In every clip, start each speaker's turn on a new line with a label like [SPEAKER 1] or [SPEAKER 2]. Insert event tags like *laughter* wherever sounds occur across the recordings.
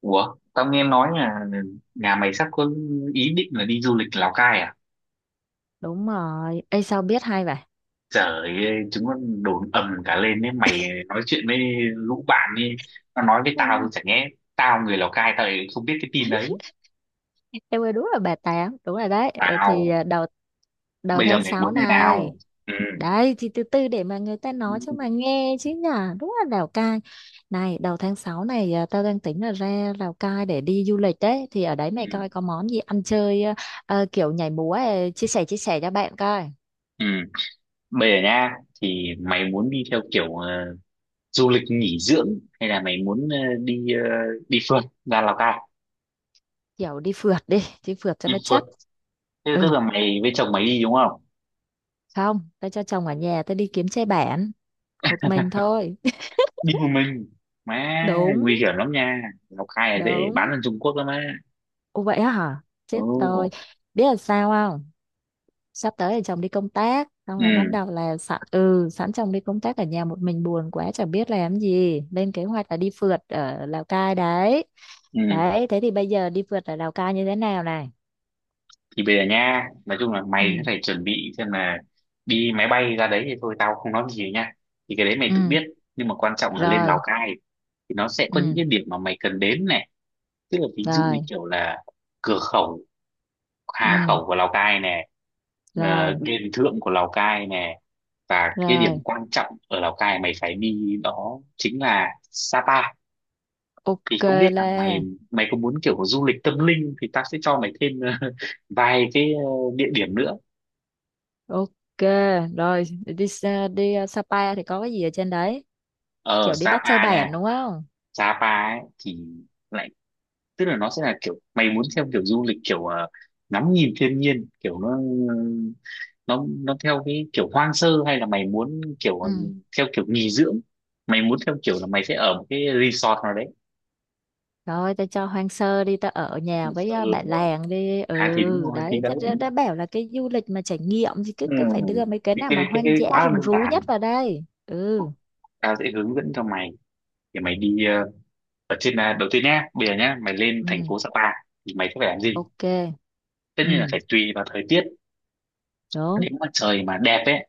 [SPEAKER 1] Ủa, tao nghe nói là nhà mày sắp có ý định là đi du lịch Lào Cai à?
[SPEAKER 2] Đúng rồi. Ê, sao biết hay vậy?
[SPEAKER 1] Trời ơi, chúng nó đồn ầm cả lên đấy mày. Nói chuyện với lũ bạn đi, nó nói với tao. Chả nhẽ tao người Lào Cai tao lại không biết cái tin đấy?
[SPEAKER 2] *laughs* Em ơi, đúng là bà tám đúng rồi đấy. Ờ, thì
[SPEAKER 1] Tao
[SPEAKER 2] à, đầu đầu
[SPEAKER 1] bây giờ
[SPEAKER 2] tháng
[SPEAKER 1] mày
[SPEAKER 2] 6
[SPEAKER 1] muốn thế nào?
[SPEAKER 2] này.
[SPEAKER 1] Ừ.
[SPEAKER 2] Đấy thì từ từ để mà người ta
[SPEAKER 1] Ừ.
[SPEAKER 2] nói cho mà nghe chứ nhở. Đúng là Lào Cai này, đầu tháng 6 này, tao đang tính là ra Lào Cai để đi du lịch. Đấy thì ở đấy
[SPEAKER 1] Ừ.
[SPEAKER 2] mày coi có món gì ăn chơi, kiểu nhảy múa, chia sẻ cho bạn coi.
[SPEAKER 1] Ừ. Bây giờ nha, thì mày muốn đi theo kiểu du lịch nghỉ dưỡng hay là mày muốn đi ờ, đi phượt ra Lào Cai?
[SPEAKER 2] Kiểu đi phượt đi, đi phượt cho
[SPEAKER 1] Đi
[SPEAKER 2] nó
[SPEAKER 1] phượt.
[SPEAKER 2] chất.
[SPEAKER 1] Thế tức
[SPEAKER 2] Ừ,
[SPEAKER 1] là mày với chồng mày đi đúng không?
[SPEAKER 2] không, tao cho chồng ở nhà, tao đi kiếm xe bản một mình thôi. *laughs*
[SPEAKER 1] Đi một mình. Má,
[SPEAKER 2] Đúng.
[SPEAKER 1] nguy hiểm lắm nha. Lào Cai là dễ bán
[SPEAKER 2] Đúng.
[SPEAKER 1] sang Trung Quốc lắm á.
[SPEAKER 2] Ồ vậy á hả?
[SPEAKER 1] Ừ.
[SPEAKER 2] Chết tôi. Biết là sao không? Sắp tới là chồng đi công tác. Xong là bắt
[SPEAKER 1] Ừ.
[SPEAKER 2] đầu là sẵn sẵn chồng đi công tác ở nhà một mình buồn quá chẳng biết làm gì. Lên kế hoạch là đi phượt ở Lào Cai đấy.
[SPEAKER 1] Ừ.
[SPEAKER 2] Đấy, thế thì bây giờ đi phượt ở Lào Cai như thế nào này?
[SPEAKER 1] Thì bây giờ nha, nói chung là mày cũng
[SPEAKER 2] Ừ,
[SPEAKER 1] phải chuẩn bị xem là đi máy bay ra đấy thì thôi tao không nói gì nha, thì cái đấy mày tự
[SPEAKER 2] ừ,
[SPEAKER 1] biết. Nhưng mà quan trọng là lên Lào
[SPEAKER 2] rồi,
[SPEAKER 1] Cai thì nó sẽ có những
[SPEAKER 2] ừ,
[SPEAKER 1] cái điểm mà mày cần đến này. Tức là ví dụ như
[SPEAKER 2] rồi,
[SPEAKER 1] kiểu là cửa khẩu Hà
[SPEAKER 2] ừ,
[SPEAKER 1] Khẩu của Lào Cai nè,
[SPEAKER 2] rồi,
[SPEAKER 1] đền thượng của Lào Cai nè, và cái điểm
[SPEAKER 2] rồi.
[SPEAKER 1] quan trọng ở Lào Cai mày phải đi đó chính là Sapa. Thì
[SPEAKER 2] Ok
[SPEAKER 1] không biết là mày
[SPEAKER 2] là,
[SPEAKER 1] mày có muốn kiểu du lịch tâm linh thì tao sẽ cho mày thêm *laughs* vài cái địa điểm nữa
[SPEAKER 2] ok. Rồi, đi Sapa thì có cái gì ở trên đấy?
[SPEAKER 1] ở
[SPEAKER 2] Kiểu đi bắt xe
[SPEAKER 1] Sapa nha.
[SPEAKER 2] bẻn đúng không?
[SPEAKER 1] Sapa ấy thì lại tức là nó sẽ là kiểu mày muốn theo kiểu du lịch kiểu ngắm nhìn thiên nhiên kiểu nó theo cái kiểu hoang sơ, hay là mày muốn kiểu
[SPEAKER 2] Ừ.
[SPEAKER 1] theo kiểu nghỉ dưỡng, mày muốn theo kiểu là mày sẽ ở một cái resort nào đấy,
[SPEAKER 2] Rồi tao cho hoang sơ đi, tao ở nhà với
[SPEAKER 1] ừ,
[SPEAKER 2] bạn
[SPEAKER 1] đúng không?
[SPEAKER 2] làng đi.
[SPEAKER 1] À thì đúng
[SPEAKER 2] Ừ,
[SPEAKER 1] rồi thì
[SPEAKER 2] đấy
[SPEAKER 1] đấy.
[SPEAKER 2] tao đã bảo là cái du lịch mà trải nghiệm thì cứ
[SPEAKER 1] Ừ.
[SPEAKER 2] cứ phải đưa mấy cái
[SPEAKER 1] Thì
[SPEAKER 2] nào
[SPEAKER 1] cái,
[SPEAKER 2] mà
[SPEAKER 1] cái,
[SPEAKER 2] hoang
[SPEAKER 1] cái
[SPEAKER 2] dã
[SPEAKER 1] quá là
[SPEAKER 2] rừng
[SPEAKER 1] đơn
[SPEAKER 2] rú
[SPEAKER 1] giản,
[SPEAKER 2] nhất vào đây. Ừ.
[SPEAKER 1] tao sẽ hướng dẫn cho mày. Thì mày đi ở trên là đầu tiên nhá, bây giờ nhá mày lên thành
[SPEAKER 2] Ừ,
[SPEAKER 1] phố Sapa thì mày sẽ phải làm gì.
[SPEAKER 2] ok.
[SPEAKER 1] Tất nhiên là
[SPEAKER 2] Ừ.
[SPEAKER 1] phải tùy vào thời tiết.
[SPEAKER 2] Đúng.
[SPEAKER 1] Nếu mà trời mà đẹp ấy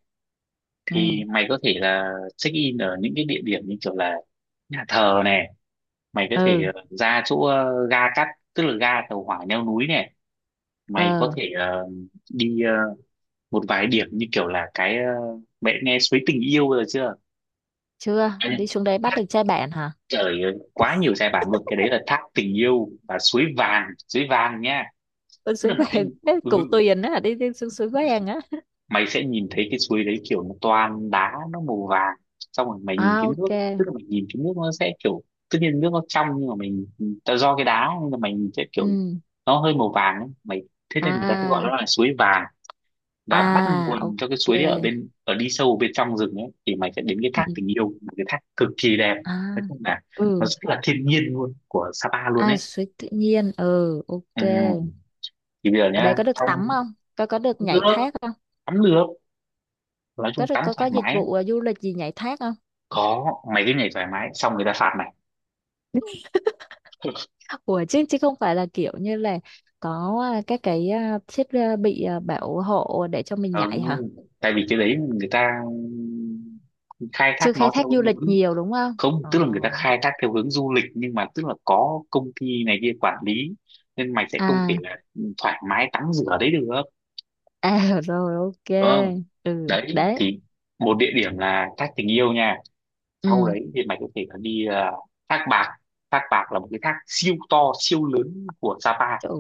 [SPEAKER 1] thì
[SPEAKER 2] Ừ.
[SPEAKER 1] mày có thể là check in ở những cái địa điểm như kiểu là nhà thờ này, mày có thể
[SPEAKER 2] Ừ.
[SPEAKER 1] ra chỗ ga cắt, tức là ga tàu hỏa leo núi này. Mày có
[SPEAKER 2] Ờ.
[SPEAKER 1] thể đi ờ, một vài điểm như kiểu là cái mẹ nghe suối tình yêu rồi chưa?
[SPEAKER 2] Chưa,
[SPEAKER 1] À,
[SPEAKER 2] đi xuống đấy bắt
[SPEAKER 1] thác.
[SPEAKER 2] được trai bạn hả?
[SPEAKER 1] Trời ơi, quá nhiều giai bản luôn. Cái đấy là thác tình yêu, và suối vàng, suối vàng nhá.
[SPEAKER 2] Con
[SPEAKER 1] Tức là
[SPEAKER 2] suối
[SPEAKER 1] mày sẽ,
[SPEAKER 2] vàng *laughs* cái
[SPEAKER 1] ừ,
[SPEAKER 2] củ tuyền á, đi, đi xuống suối vàng á.
[SPEAKER 1] mày sẽ nhìn thấy cái suối đấy kiểu nó toàn đá nó màu vàng. Xong rồi mày nhìn
[SPEAKER 2] À,
[SPEAKER 1] cái nước,
[SPEAKER 2] ok.
[SPEAKER 1] tức là mày nhìn cái nước nó sẽ kiểu, tất nhiên nước nó trong nhưng mà mình ta do cái đá nên là mày nhìn sẽ
[SPEAKER 2] Ừ.
[SPEAKER 1] kiểu nó hơi màu vàng ấy. Thế nên người ta sẽ gọi
[SPEAKER 2] À.
[SPEAKER 1] nó là suối vàng. Và bắt
[SPEAKER 2] À,
[SPEAKER 1] nguồn cho cái
[SPEAKER 2] ok.
[SPEAKER 1] suối đấy ở bên, ở đi sâu bên trong rừng ấy thì mày sẽ đến cái
[SPEAKER 2] Ừ.
[SPEAKER 1] thác tình yêu, một cái thác cực kỳ đẹp.
[SPEAKER 2] À.
[SPEAKER 1] Nói chung là nó
[SPEAKER 2] Ừ.
[SPEAKER 1] rất là thiên nhiên luôn, của Sapa luôn ấy.
[SPEAKER 2] À suối tự nhiên, ừ, ok.
[SPEAKER 1] Ừ. Thì bây giờ
[SPEAKER 2] Ở đây
[SPEAKER 1] nhá,
[SPEAKER 2] có được
[SPEAKER 1] trong
[SPEAKER 2] tắm không? Có, có được nhảy
[SPEAKER 1] nước
[SPEAKER 2] thác không?
[SPEAKER 1] tắm được, nói
[SPEAKER 2] Có
[SPEAKER 1] chung
[SPEAKER 2] được,
[SPEAKER 1] tắm
[SPEAKER 2] có
[SPEAKER 1] thoải
[SPEAKER 2] dịch
[SPEAKER 1] mái.
[SPEAKER 2] vụ du lịch gì nhảy thác không?
[SPEAKER 1] Có, mày cứ nhảy thoải mái xong người ta phạt mày.
[SPEAKER 2] Ủa, chứ chứ không phải là kiểu như là có các cái thiết bị bảo hộ để cho mình
[SPEAKER 1] Ừ,
[SPEAKER 2] nhảy hả?
[SPEAKER 1] tại vì cái đấy người ta khai thác
[SPEAKER 2] Chưa khai
[SPEAKER 1] nó
[SPEAKER 2] thác
[SPEAKER 1] theo
[SPEAKER 2] du
[SPEAKER 1] cái
[SPEAKER 2] lịch
[SPEAKER 1] hướng,
[SPEAKER 2] nhiều đúng không?
[SPEAKER 1] không,
[SPEAKER 2] Ờ.
[SPEAKER 1] tức là người ta khai thác theo hướng du lịch nhưng mà tức là có công ty này kia quản lý nên mày sẽ không thể
[SPEAKER 2] À.
[SPEAKER 1] là thoải mái tắm rửa đấy được,
[SPEAKER 2] À. *laughs* Rồi, ok.
[SPEAKER 1] đúng không?
[SPEAKER 2] Ừ
[SPEAKER 1] Đấy
[SPEAKER 2] đấy.
[SPEAKER 1] thì một địa điểm là thác tình yêu nha. Sau
[SPEAKER 2] Ừ.
[SPEAKER 1] đấy thì mày có thể là đi thác bạc. Thác bạc là một cái thác siêu to siêu lớn của Sapa,
[SPEAKER 2] Trời,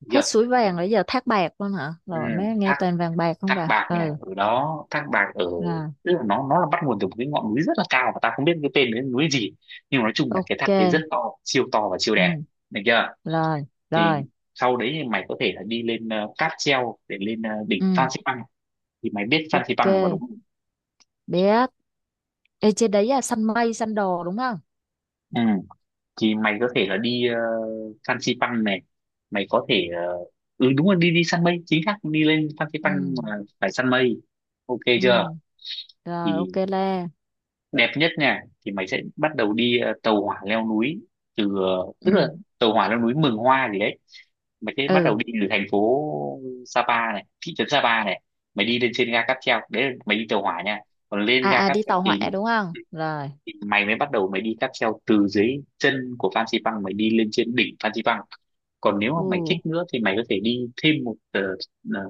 [SPEAKER 1] được chưa?
[SPEAKER 2] hết suối vàng rồi giờ thác bạc luôn hả?
[SPEAKER 1] Ừ,
[SPEAKER 2] Rồi mới nghe
[SPEAKER 1] thác
[SPEAKER 2] toàn vàng bạc không
[SPEAKER 1] Thác
[SPEAKER 2] vậy.
[SPEAKER 1] bạc nha,
[SPEAKER 2] Ừ.
[SPEAKER 1] ở đó. Thác bạc ở,
[SPEAKER 2] Rồi,
[SPEAKER 1] tức là nó là bắt nguồn từ một cái ngọn núi rất là cao, và ta không biết cái tên cái núi gì, nhưng mà nói chung là cái
[SPEAKER 2] ok.
[SPEAKER 1] thác đấy rất to, siêu to và siêu đẹp,
[SPEAKER 2] Ừ.
[SPEAKER 1] được chưa?
[SPEAKER 2] Rồi
[SPEAKER 1] Thì
[SPEAKER 2] rồi.
[SPEAKER 1] sau đấy thì mày có thể là đi lên cáp treo để lên đỉnh
[SPEAKER 2] Ừ.
[SPEAKER 1] Phan Xipang. Thì mày biết Phan
[SPEAKER 2] Ok.
[SPEAKER 1] Xipang rồi mà, đúng không?
[SPEAKER 2] Biết. Ê, trên đấy là săn mây, săn đồ đúng không?
[SPEAKER 1] Ừ. Thì mày có thể là đi Phan Xipang này, mày có thể ừ đúng rồi, đi đi săn mây, chính xác. Đi lên Phan
[SPEAKER 2] Ừ,
[SPEAKER 1] Xipang mà phải săn mây, ok chưa?
[SPEAKER 2] ừ, rồi,
[SPEAKER 1] Thì
[SPEAKER 2] ok Lê.
[SPEAKER 1] đẹp nhất nha, thì mày sẽ bắt đầu đi tàu hỏa leo núi từ
[SPEAKER 2] Ừ,
[SPEAKER 1] tức là tàu hỏa leo núi Mường Hoa gì đấy. Mày sẽ bắt
[SPEAKER 2] ừ.
[SPEAKER 1] đầu đi từ thành phố Sapa này, thị trấn Sapa này. Mày đi lên trên ga cáp treo, đấy là mày đi tàu hỏa nha. Còn lên
[SPEAKER 2] À,
[SPEAKER 1] ga
[SPEAKER 2] à,
[SPEAKER 1] cáp
[SPEAKER 2] đi
[SPEAKER 1] treo
[SPEAKER 2] tàu hỏa
[SPEAKER 1] thì lúc,
[SPEAKER 2] đúng không? Rồi,
[SPEAKER 1] thì mày mới bắt đầu mày đi cáp treo từ dưới chân của Phan Xipang, mày đi lên trên đỉnh Phan Xipang. Còn nếu mà mày
[SPEAKER 2] ừ,
[SPEAKER 1] thích nữa thì mày có thể đi thêm một ờ,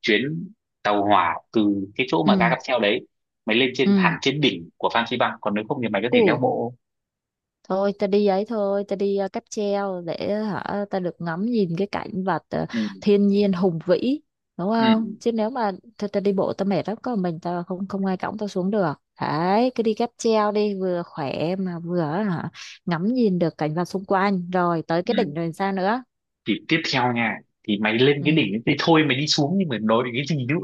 [SPEAKER 1] chuyến tàu hỏa từ cái chỗ mà ga
[SPEAKER 2] ừ,
[SPEAKER 1] cáp treo đấy, mày lên trên hẳn
[SPEAKER 2] ừ,
[SPEAKER 1] trên đỉnh của Phan Xi Păng. Còn nếu không thì mày có thể leo
[SPEAKER 2] ừ.
[SPEAKER 1] bộ.
[SPEAKER 2] Thôi ta đi ấy thôi, ta đi cáp treo để hả ta được ngắm nhìn cái cảnh vật
[SPEAKER 1] Ừ.
[SPEAKER 2] thiên nhiên hùng vĩ, đúng
[SPEAKER 1] Ừ.
[SPEAKER 2] không? Chứ nếu mà ta đi bộ ta mệt lắm, có một mình ta, không không ai cõng ta xuống được. Đấy, cứ đi cáp treo đi, vừa khỏe mà vừa hả ngắm nhìn được cảnh vật xung quanh. Rồi tới cái đỉnh
[SPEAKER 1] Ừ.
[SPEAKER 2] rồi sao nữa?
[SPEAKER 1] Thì tiếp theo nha, thì mày lên cái
[SPEAKER 2] Ừ.
[SPEAKER 1] đỉnh ấy thì thôi mày đi xuống, nhưng mà nói đến cái gì nữa.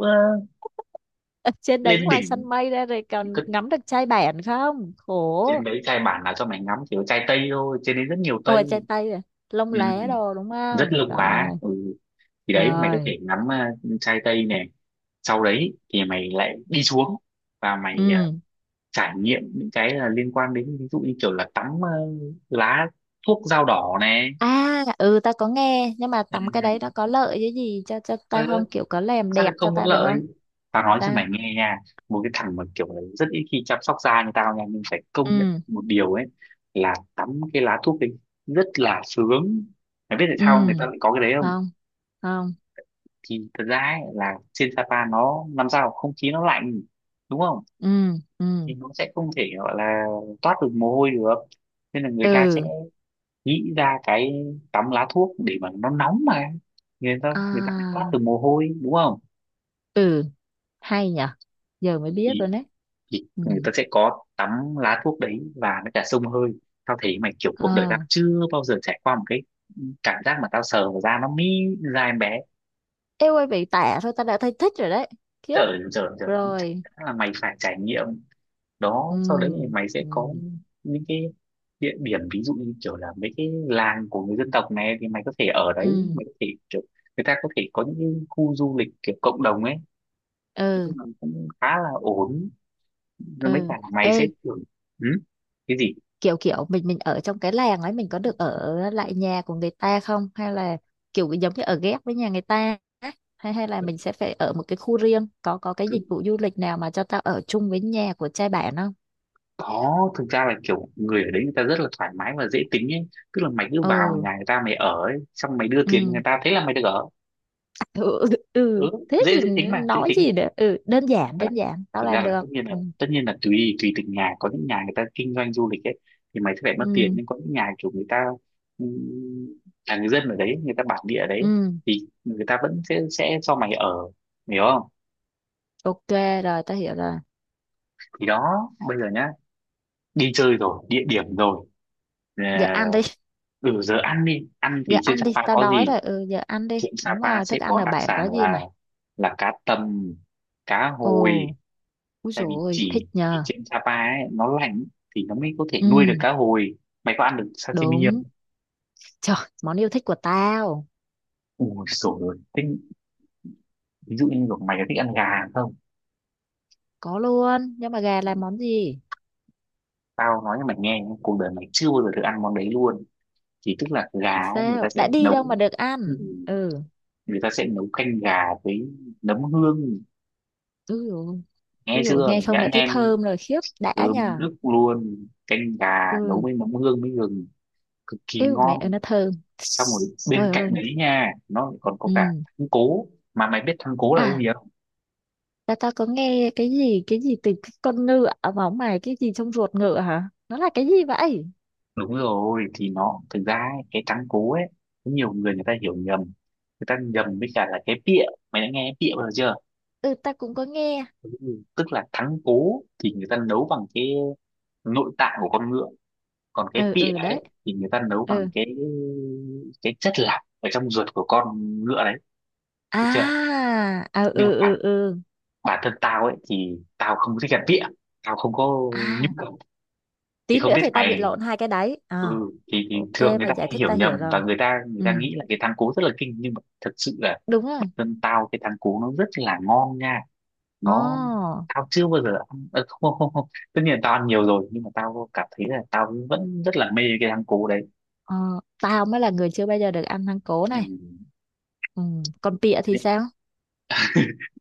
[SPEAKER 2] *laughs* Ở trên đấy
[SPEAKER 1] Lên
[SPEAKER 2] ngoài săn
[SPEAKER 1] đỉnh
[SPEAKER 2] mây ra rồi
[SPEAKER 1] thì
[SPEAKER 2] còn
[SPEAKER 1] cứ,
[SPEAKER 2] ngắm được chai bản không khổ?
[SPEAKER 1] trên đấy chai bản là cho mày ngắm chỉ có chai tây thôi, trên đấy rất nhiều tây.
[SPEAKER 2] Ôi, chai tây rồi, lông
[SPEAKER 1] Ừ,
[SPEAKER 2] lá đồ đúng
[SPEAKER 1] rất
[SPEAKER 2] không?
[SPEAKER 1] lưng lá.
[SPEAKER 2] Rồi.
[SPEAKER 1] Ừ. Thì đấy mày có
[SPEAKER 2] Rồi.
[SPEAKER 1] thể ngắm chai tây này. Sau đấy thì mày lại đi xuống, và mày
[SPEAKER 2] Ừ.
[SPEAKER 1] trải nghiệm những cái là liên quan đến ví dụ như kiểu là tắm lá thuốc dao đỏ này.
[SPEAKER 2] À. Ừ, tao có nghe nhưng mà
[SPEAKER 1] Ừ.
[SPEAKER 2] tắm cái đấy nó có lợi cái gì cho tao
[SPEAKER 1] Trời ơi,
[SPEAKER 2] không, kiểu có làm
[SPEAKER 1] sao
[SPEAKER 2] đẹp
[SPEAKER 1] lại
[SPEAKER 2] cho
[SPEAKER 1] không có
[SPEAKER 2] tao được
[SPEAKER 1] lợi?
[SPEAKER 2] không?
[SPEAKER 1] Tao nói cho
[SPEAKER 2] Tao.
[SPEAKER 1] mày nghe nha, một cái thằng mà kiểu là rất ít khi chăm sóc da như tao nha, nhưng phải công nhận
[SPEAKER 2] Ừ.
[SPEAKER 1] một điều ấy là tắm cái lá thuốc ấy rất là sướng. Mày biết tại
[SPEAKER 2] Ừ.
[SPEAKER 1] sao người ta lại có cái đấy không?
[SPEAKER 2] Không. Không.
[SPEAKER 1] Thì thật ra ấy, là trên Sapa nó làm sao, không khí nó lạnh đúng không,
[SPEAKER 2] Ừ. Ừ.
[SPEAKER 1] thì nó sẽ không thể gọi là toát được mồ hôi được, nên là người ta sẽ
[SPEAKER 2] Ừ.
[SPEAKER 1] nghĩ ra cái tắm lá thuốc để mà nó nóng mà, người ta phải thoát
[SPEAKER 2] À.
[SPEAKER 1] từ mồ hôi, đúng không?
[SPEAKER 2] Ừ. Hay nhở, giờ mới biết
[SPEAKER 1] thì,
[SPEAKER 2] rồi đấy.
[SPEAKER 1] thì
[SPEAKER 2] Ừ.
[SPEAKER 1] người ta sẽ có tắm lá thuốc đấy, và nó cả xông hơi. Tao thấy mày kiểu,
[SPEAKER 2] Ờ.
[SPEAKER 1] cuộc đời tao chưa bao giờ trải qua một cái cảm giác mà tao sờ vào da nó mi ra em bé.
[SPEAKER 2] Ê ơi, bị tạ thôi ta đã thấy thích rồi đấy. Khiếp.
[SPEAKER 1] Trời trời trời, chắc
[SPEAKER 2] Rồi.
[SPEAKER 1] chắn là mày phải trải nghiệm.
[SPEAKER 2] Ừ.
[SPEAKER 1] Đó, sau đấy thì mày sẽ
[SPEAKER 2] Ừ.
[SPEAKER 1] có những cái địa điểm ví dụ như kiểu là mấy cái làng của người dân tộc này thì mày có thể ở đấy,
[SPEAKER 2] Ừ.
[SPEAKER 1] mày có thể kiểu, người ta có thể có những cái khu du lịch kiểu cộng đồng ấy. Nói
[SPEAKER 2] Ừ.
[SPEAKER 1] chung là cũng khá là ổn,
[SPEAKER 2] Ừ.
[SPEAKER 1] nhưng mấy cả mày sẽ
[SPEAKER 2] Ê,
[SPEAKER 1] kiểu. Ừ? Cái gì?
[SPEAKER 2] kiểu kiểu mình ở trong cái làng ấy, mình có được ở lại nhà của người ta không, hay là kiểu giống như ở ghép với nhà người ta á? Hay hay là mình sẽ phải ở một cái khu riêng, có cái
[SPEAKER 1] Cứ-
[SPEAKER 2] dịch vụ du lịch nào mà cho tao ở chung với nhà của trai bạn không?
[SPEAKER 1] có, thực ra là kiểu người ở đấy người ta rất là thoải mái và dễ tính ấy. Tức là mày cứ vào
[SPEAKER 2] Ừ.
[SPEAKER 1] nhà người ta mày ở ấy, xong mày đưa
[SPEAKER 2] Ừ.
[SPEAKER 1] tiền người ta thế là mày được ở.
[SPEAKER 2] Ừ, *laughs* ừ.
[SPEAKER 1] Ừ,
[SPEAKER 2] Thế
[SPEAKER 1] dễ
[SPEAKER 2] thì
[SPEAKER 1] dễ tính mà, dễ
[SPEAKER 2] nói
[SPEAKER 1] tính
[SPEAKER 2] gì
[SPEAKER 1] mà.
[SPEAKER 2] nữa, ừ đơn giản,
[SPEAKER 1] Là-
[SPEAKER 2] đơn giản tao
[SPEAKER 1] Thực ra
[SPEAKER 2] làm
[SPEAKER 1] là
[SPEAKER 2] được.
[SPEAKER 1] tất nhiên là,
[SPEAKER 2] Ừ.
[SPEAKER 1] tùy tùy từng nhà, có những nhà người ta kinh doanh du lịch ấy thì mày sẽ phải mất tiền,
[SPEAKER 2] Ừ.
[SPEAKER 1] nhưng có những nhà kiểu người ta, ừm, là người dân ở đấy, người ta bản địa ở đấy,
[SPEAKER 2] Ừ.
[SPEAKER 1] thì người ta vẫn sẽ cho mày ở, hiểu không?
[SPEAKER 2] Ok, rồi tao hiểu rồi.
[SPEAKER 1] Thì đó, bây giờ nhá, đi chơi rồi, địa điểm rồi. Ờ,
[SPEAKER 2] Giờ ăn đi.
[SPEAKER 1] ừ, giờ ăn đi, ăn
[SPEAKER 2] Giờ
[SPEAKER 1] thì trên
[SPEAKER 2] ăn đi,
[SPEAKER 1] Sapa
[SPEAKER 2] tao
[SPEAKER 1] có
[SPEAKER 2] đói
[SPEAKER 1] gì.
[SPEAKER 2] rồi. Ừ, giờ ăn đi.
[SPEAKER 1] Trên
[SPEAKER 2] Đúng
[SPEAKER 1] Sapa
[SPEAKER 2] rồi,
[SPEAKER 1] sẽ
[SPEAKER 2] thức ăn
[SPEAKER 1] có
[SPEAKER 2] ở
[SPEAKER 1] đặc
[SPEAKER 2] bản
[SPEAKER 1] sản
[SPEAKER 2] có gì
[SPEAKER 1] là
[SPEAKER 2] mày?
[SPEAKER 1] cá tầm, cá
[SPEAKER 2] Ồ.
[SPEAKER 1] hồi.
[SPEAKER 2] Úi
[SPEAKER 1] Tại vì
[SPEAKER 2] dồi thích
[SPEAKER 1] chỉ
[SPEAKER 2] nhờ.
[SPEAKER 1] trên Sapa ấy, nó lạnh thì nó mới có thể nuôi được
[SPEAKER 2] Ừ.
[SPEAKER 1] cá hồi. Mày có ăn được sashimi không?
[SPEAKER 2] Đúng. Trời, món yêu thích của tao.
[SPEAKER 1] Ui sổ rồi thế, ví dụ như kiểu mày có thích ăn gà không?
[SPEAKER 2] Có luôn, nhưng mà gà làm món gì?
[SPEAKER 1] Tao nói cho mày nghe, cuộc đời mày chưa bao giờ được ăn món đấy luôn. Thì tức là gà ấy, người
[SPEAKER 2] Sao
[SPEAKER 1] ta sẽ
[SPEAKER 2] đã đi đâu
[SPEAKER 1] nấu,
[SPEAKER 2] mà được
[SPEAKER 1] ừ,
[SPEAKER 2] ăn. Ừ.
[SPEAKER 1] người ta sẽ nấu canh gà với nấm hương,
[SPEAKER 2] Úi dồi.
[SPEAKER 1] nghe
[SPEAKER 2] Úi dồi,
[SPEAKER 1] chưa
[SPEAKER 2] nghe không đã
[SPEAKER 1] nhãn
[SPEAKER 2] thấy
[SPEAKER 1] em.
[SPEAKER 2] thơm rồi, khiếp đã
[SPEAKER 1] Thơm
[SPEAKER 2] nhờ.
[SPEAKER 1] nức luôn, canh gà nấu
[SPEAKER 2] Ừ.
[SPEAKER 1] với mắm hương với gừng, cực kỳ
[SPEAKER 2] Yêu, mẹ
[SPEAKER 1] ngon.
[SPEAKER 2] ơi nó thơm.
[SPEAKER 1] Xong rồi bên
[SPEAKER 2] Trời ơi.
[SPEAKER 1] cạnh đấy nha, nó lại còn có cả
[SPEAKER 2] Ừ.
[SPEAKER 1] thắng cố. Mà mày biết thắng cố là cái
[SPEAKER 2] À.
[SPEAKER 1] gì không?
[SPEAKER 2] ta ta có nghe cái gì từ cái con ngựa mà ông mày, cái gì trong ruột ngựa hả? Nó là cái gì vậy?
[SPEAKER 1] Đúng rồi, thì nó thực ra ấy, cái thắng cố ấy có nhiều người, người ta hiểu nhầm, người ta nhầm với cả là cái pịa. Mày đã nghe pịa bao giờ chưa?
[SPEAKER 2] Ừ, ta cũng có nghe.
[SPEAKER 1] Ừ. Tức là thắng cố thì người ta nấu bằng cái nội tạng của con ngựa, còn cái
[SPEAKER 2] Ừ.
[SPEAKER 1] pịa
[SPEAKER 2] Ừ đấy.
[SPEAKER 1] ấy thì người ta nấu bằng
[SPEAKER 2] Ừ.
[SPEAKER 1] cái chất lạc ở trong ruột của con ngựa đấy,
[SPEAKER 2] À.
[SPEAKER 1] chưa?
[SPEAKER 2] À.
[SPEAKER 1] Nhưng
[SPEAKER 2] Ừ.
[SPEAKER 1] mà bản
[SPEAKER 2] Ừ. Ừ.
[SPEAKER 1] bản thân tao ấy thì tao không thích ăn vịa, tao không có nhu
[SPEAKER 2] À.
[SPEAKER 1] cầu. Thì
[SPEAKER 2] Tí
[SPEAKER 1] không
[SPEAKER 2] nữa
[SPEAKER 1] biết
[SPEAKER 2] thì tao bị
[SPEAKER 1] mày.
[SPEAKER 2] lộn hai cái đấy
[SPEAKER 1] Ừ.
[SPEAKER 2] à.
[SPEAKER 1] Thì
[SPEAKER 2] Ok,
[SPEAKER 1] thường người ta
[SPEAKER 2] mày giải
[SPEAKER 1] hay
[SPEAKER 2] thích
[SPEAKER 1] hiểu
[SPEAKER 2] tao hiểu
[SPEAKER 1] nhầm, và
[SPEAKER 2] rồi.
[SPEAKER 1] người
[SPEAKER 2] Ừ.
[SPEAKER 1] ta nghĩ là cái thắng cố rất là kinh, nhưng mà thật sự là
[SPEAKER 2] Đúng
[SPEAKER 1] bản
[SPEAKER 2] rồi.
[SPEAKER 1] thân tao cái thắng cố nó rất là ngon nha. Nó,
[SPEAKER 2] Ồ.
[SPEAKER 1] tao chưa bao giờ ăn không, không không không, tất nhiên là tao ăn nhiều rồi, nhưng mà tao cảm thấy là tao vẫn rất là mê cái thắng cố đấy.
[SPEAKER 2] Ờ, tao mới là người chưa bao giờ được ăn thắng cố
[SPEAKER 1] Ừ.
[SPEAKER 2] này. Ừ. Còn pịa
[SPEAKER 1] thế
[SPEAKER 2] thì
[SPEAKER 1] nên-
[SPEAKER 2] sao?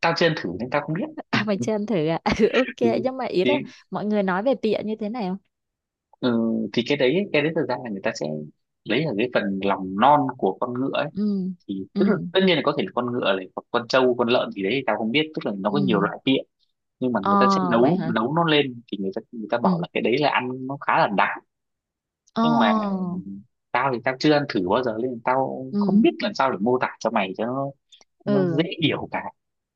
[SPEAKER 1] Tao chưa ăn thử nên tao không biết.
[SPEAKER 2] *laughs* À, mày chưa ăn thử à? *laughs* Ừ,
[SPEAKER 1] Ừ.
[SPEAKER 2] ok, nhưng mà ý
[SPEAKER 1] thì
[SPEAKER 2] là mọi người nói về pịa như thế này không?
[SPEAKER 1] ừ, thì cái đấy thật ra là người ta sẽ lấy ở cái phần lòng non của con ngựa ấy.
[SPEAKER 2] Ừ.
[SPEAKER 1] Thì
[SPEAKER 2] Ừ.
[SPEAKER 1] tức là tất nhiên là có thể là con ngựa này hoặc con trâu con lợn gì đấy thì tao không biết, tức là nó
[SPEAKER 2] Ừ.
[SPEAKER 1] có nhiều loại vị. Nhưng mà
[SPEAKER 2] Ờ.
[SPEAKER 1] người ta sẽ
[SPEAKER 2] Vậy
[SPEAKER 1] nấu
[SPEAKER 2] hả?
[SPEAKER 1] nấu nó lên, thì người ta
[SPEAKER 2] Ừ.
[SPEAKER 1] bảo là cái đấy là ăn nó khá là đặc.
[SPEAKER 2] Ờ.
[SPEAKER 1] Nhưng mà tao thì tao chưa ăn thử bao giờ nên tao không
[SPEAKER 2] Ừ.
[SPEAKER 1] biết làm sao để mô tả cho mày cho nó, cho nó
[SPEAKER 2] Ừ.
[SPEAKER 1] dễ hiểu cả.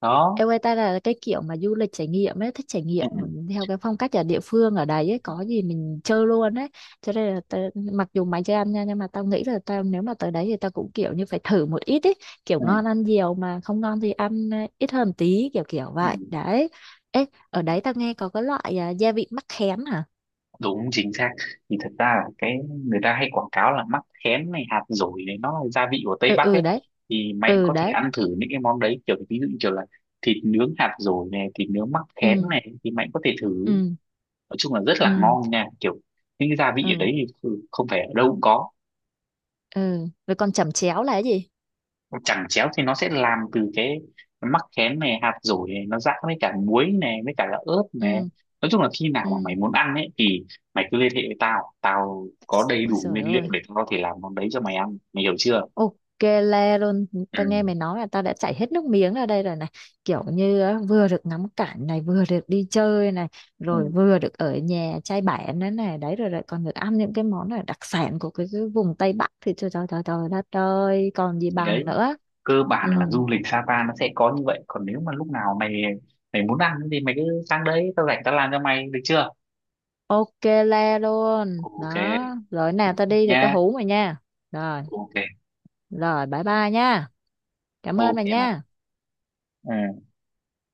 [SPEAKER 1] Đó.
[SPEAKER 2] Em ơi, ta là cái kiểu mà du lịch trải nghiệm ấy, thích trải
[SPEAKER 1] Ừ.
[SPEAKER 2] nghiệm
[SPEAKER 1] Ừ.
[SPEAKER 2] theo cái phong cách ở địa phương ở đấy ấy, có gì mình chơi luôn ấy. Cho nên là ta, mặc dù mày chưa ăn nha, nhưng mà tao nghĩ là tao nếu mà tới đấy thì tao cũng kiểu như phải thử một ít ấy, kiểu
[SPEAKER 1] Ừ.
[SPEAKER 2] ngon ăn nhiều mà không ngon thì ăn ít hơn tí, kiểu kiểu
[SPEAKER 1] Ừ.
[SPEAKER 2] vậy. Đấy. Ê, ở đấy tao nghe có cái loại gia vị mắc khén hả?
[SPEAKER 1] Đúng chính xác, thì thật ra là cái người ta hay quảng cáo là mắc khén này, hạt dổi này, nó là gia vị của Tây
[SPEAKER 2] Ừ,
[SPEAKER 1] Bắc ấy.
[SPEAKER 2] ừ đấy.
[SPEAKER 1] Thì Mạnh
[SPEAKER 2] Ừ
[SPEAKER 1] có thể
[SPEAKER 2] đấy.
[SPEAKER 1] ăn thử những cái món đấy kiểu ví dụ như kiểu là thịt nướng hạt dổi này, thịt nướng mắc khén
[SPEAKER 2] Ừ,
[SPEAKER 1] này, thì Mạnh có thể thử.
[SPEAKER 2] ừ,
[SPEAKER 1] Nói chung là rất là
[SPEAKER 2] ừ,
[SPEAKER 1] ngon nha, kiểu những cái gia vị ở
[SPEAKER 2] ừ,
[SPEAKER 1] đấy thì không phải ở đâu cũng có.
[SPEAKER 2] ừ. Rồi còn chẩm chéo là cái gì?
[SPEAKER 1] Chẳng chéo thì nó sẽ làm từ cái mắc khén này, hạt dổi này, nó giã với cả muối này, với cả là ớt này.
[SPEAKER 2] Ừ,
[SPEAKER 1] Nói chung là khi nào mà mày
[SPEAKER 2] ừ.
[SPEAKER 1] muốn ăn ấy thì mày cứ liên hệ với tao, tao có đầy
[SPEAKER 2] Ôi
[SPEAKER 1] đủ
[SPEAKER 2] trời
[SPEAKER 1] nguyên liệu
[SPEAKER 2] ơi.
[SPEAKER 1] để tao có thể làm món đấy cho mày ăn, mày hiểu chưa?
[SPEAKER 2] Ok le luôn,
[SPEAKER 1] Ừ.
[SPEAKER 2] tao nghe mày nói là tao đã chảy hết nước miếng ra đây rồi này. Kiểu như á, vừa được ngắm cảnh này, vừa được đi chơi này,
[SPEAKER 1] Ừ.
[SPEAKER 2] rồi vừa được ở nhà chai bản nữa này, đấy rồi lại còn được ăn những cái món là đặc sản của cái vùng Tây Bắc, thì trời trời trời trời đất ơi, còn gì
[SPEAKER 1] Thì
[SPEAKER 2] bằng
[SPEAKER 1] đấy,
[SPEAKER 2] nữa.
[SPEAKER 1] cơ bản
[SPEAKER 2] Ừ,
[SPEAKER 1] là du lịch Sapa nó sẽ có như vậy. Còn nếu mà lúc nào mày mày muốn ăn thì mày cứ sang đấy, tao rảnh tao làm cho mày, được chưa?
[SPEAKER 2] ok le luôn.
[SPEAKER 1] Ok
[SPEAKER 2] Đó, rồi nào tao đi thì tao
[SPEAKER 1] nha.
[SPEAKER 2] hú mày nha. Rồi,
[SPEAKER 1] Ok.
[SPEAKER 2] rồi bye bye nha. Cảm ơn
[SPEAKER 1] Ok
[SPEAKER 2] mày
[SPEAKER 1] mày.
[SPEAKER 2] nha.
[SPEAKER 1] Ừ.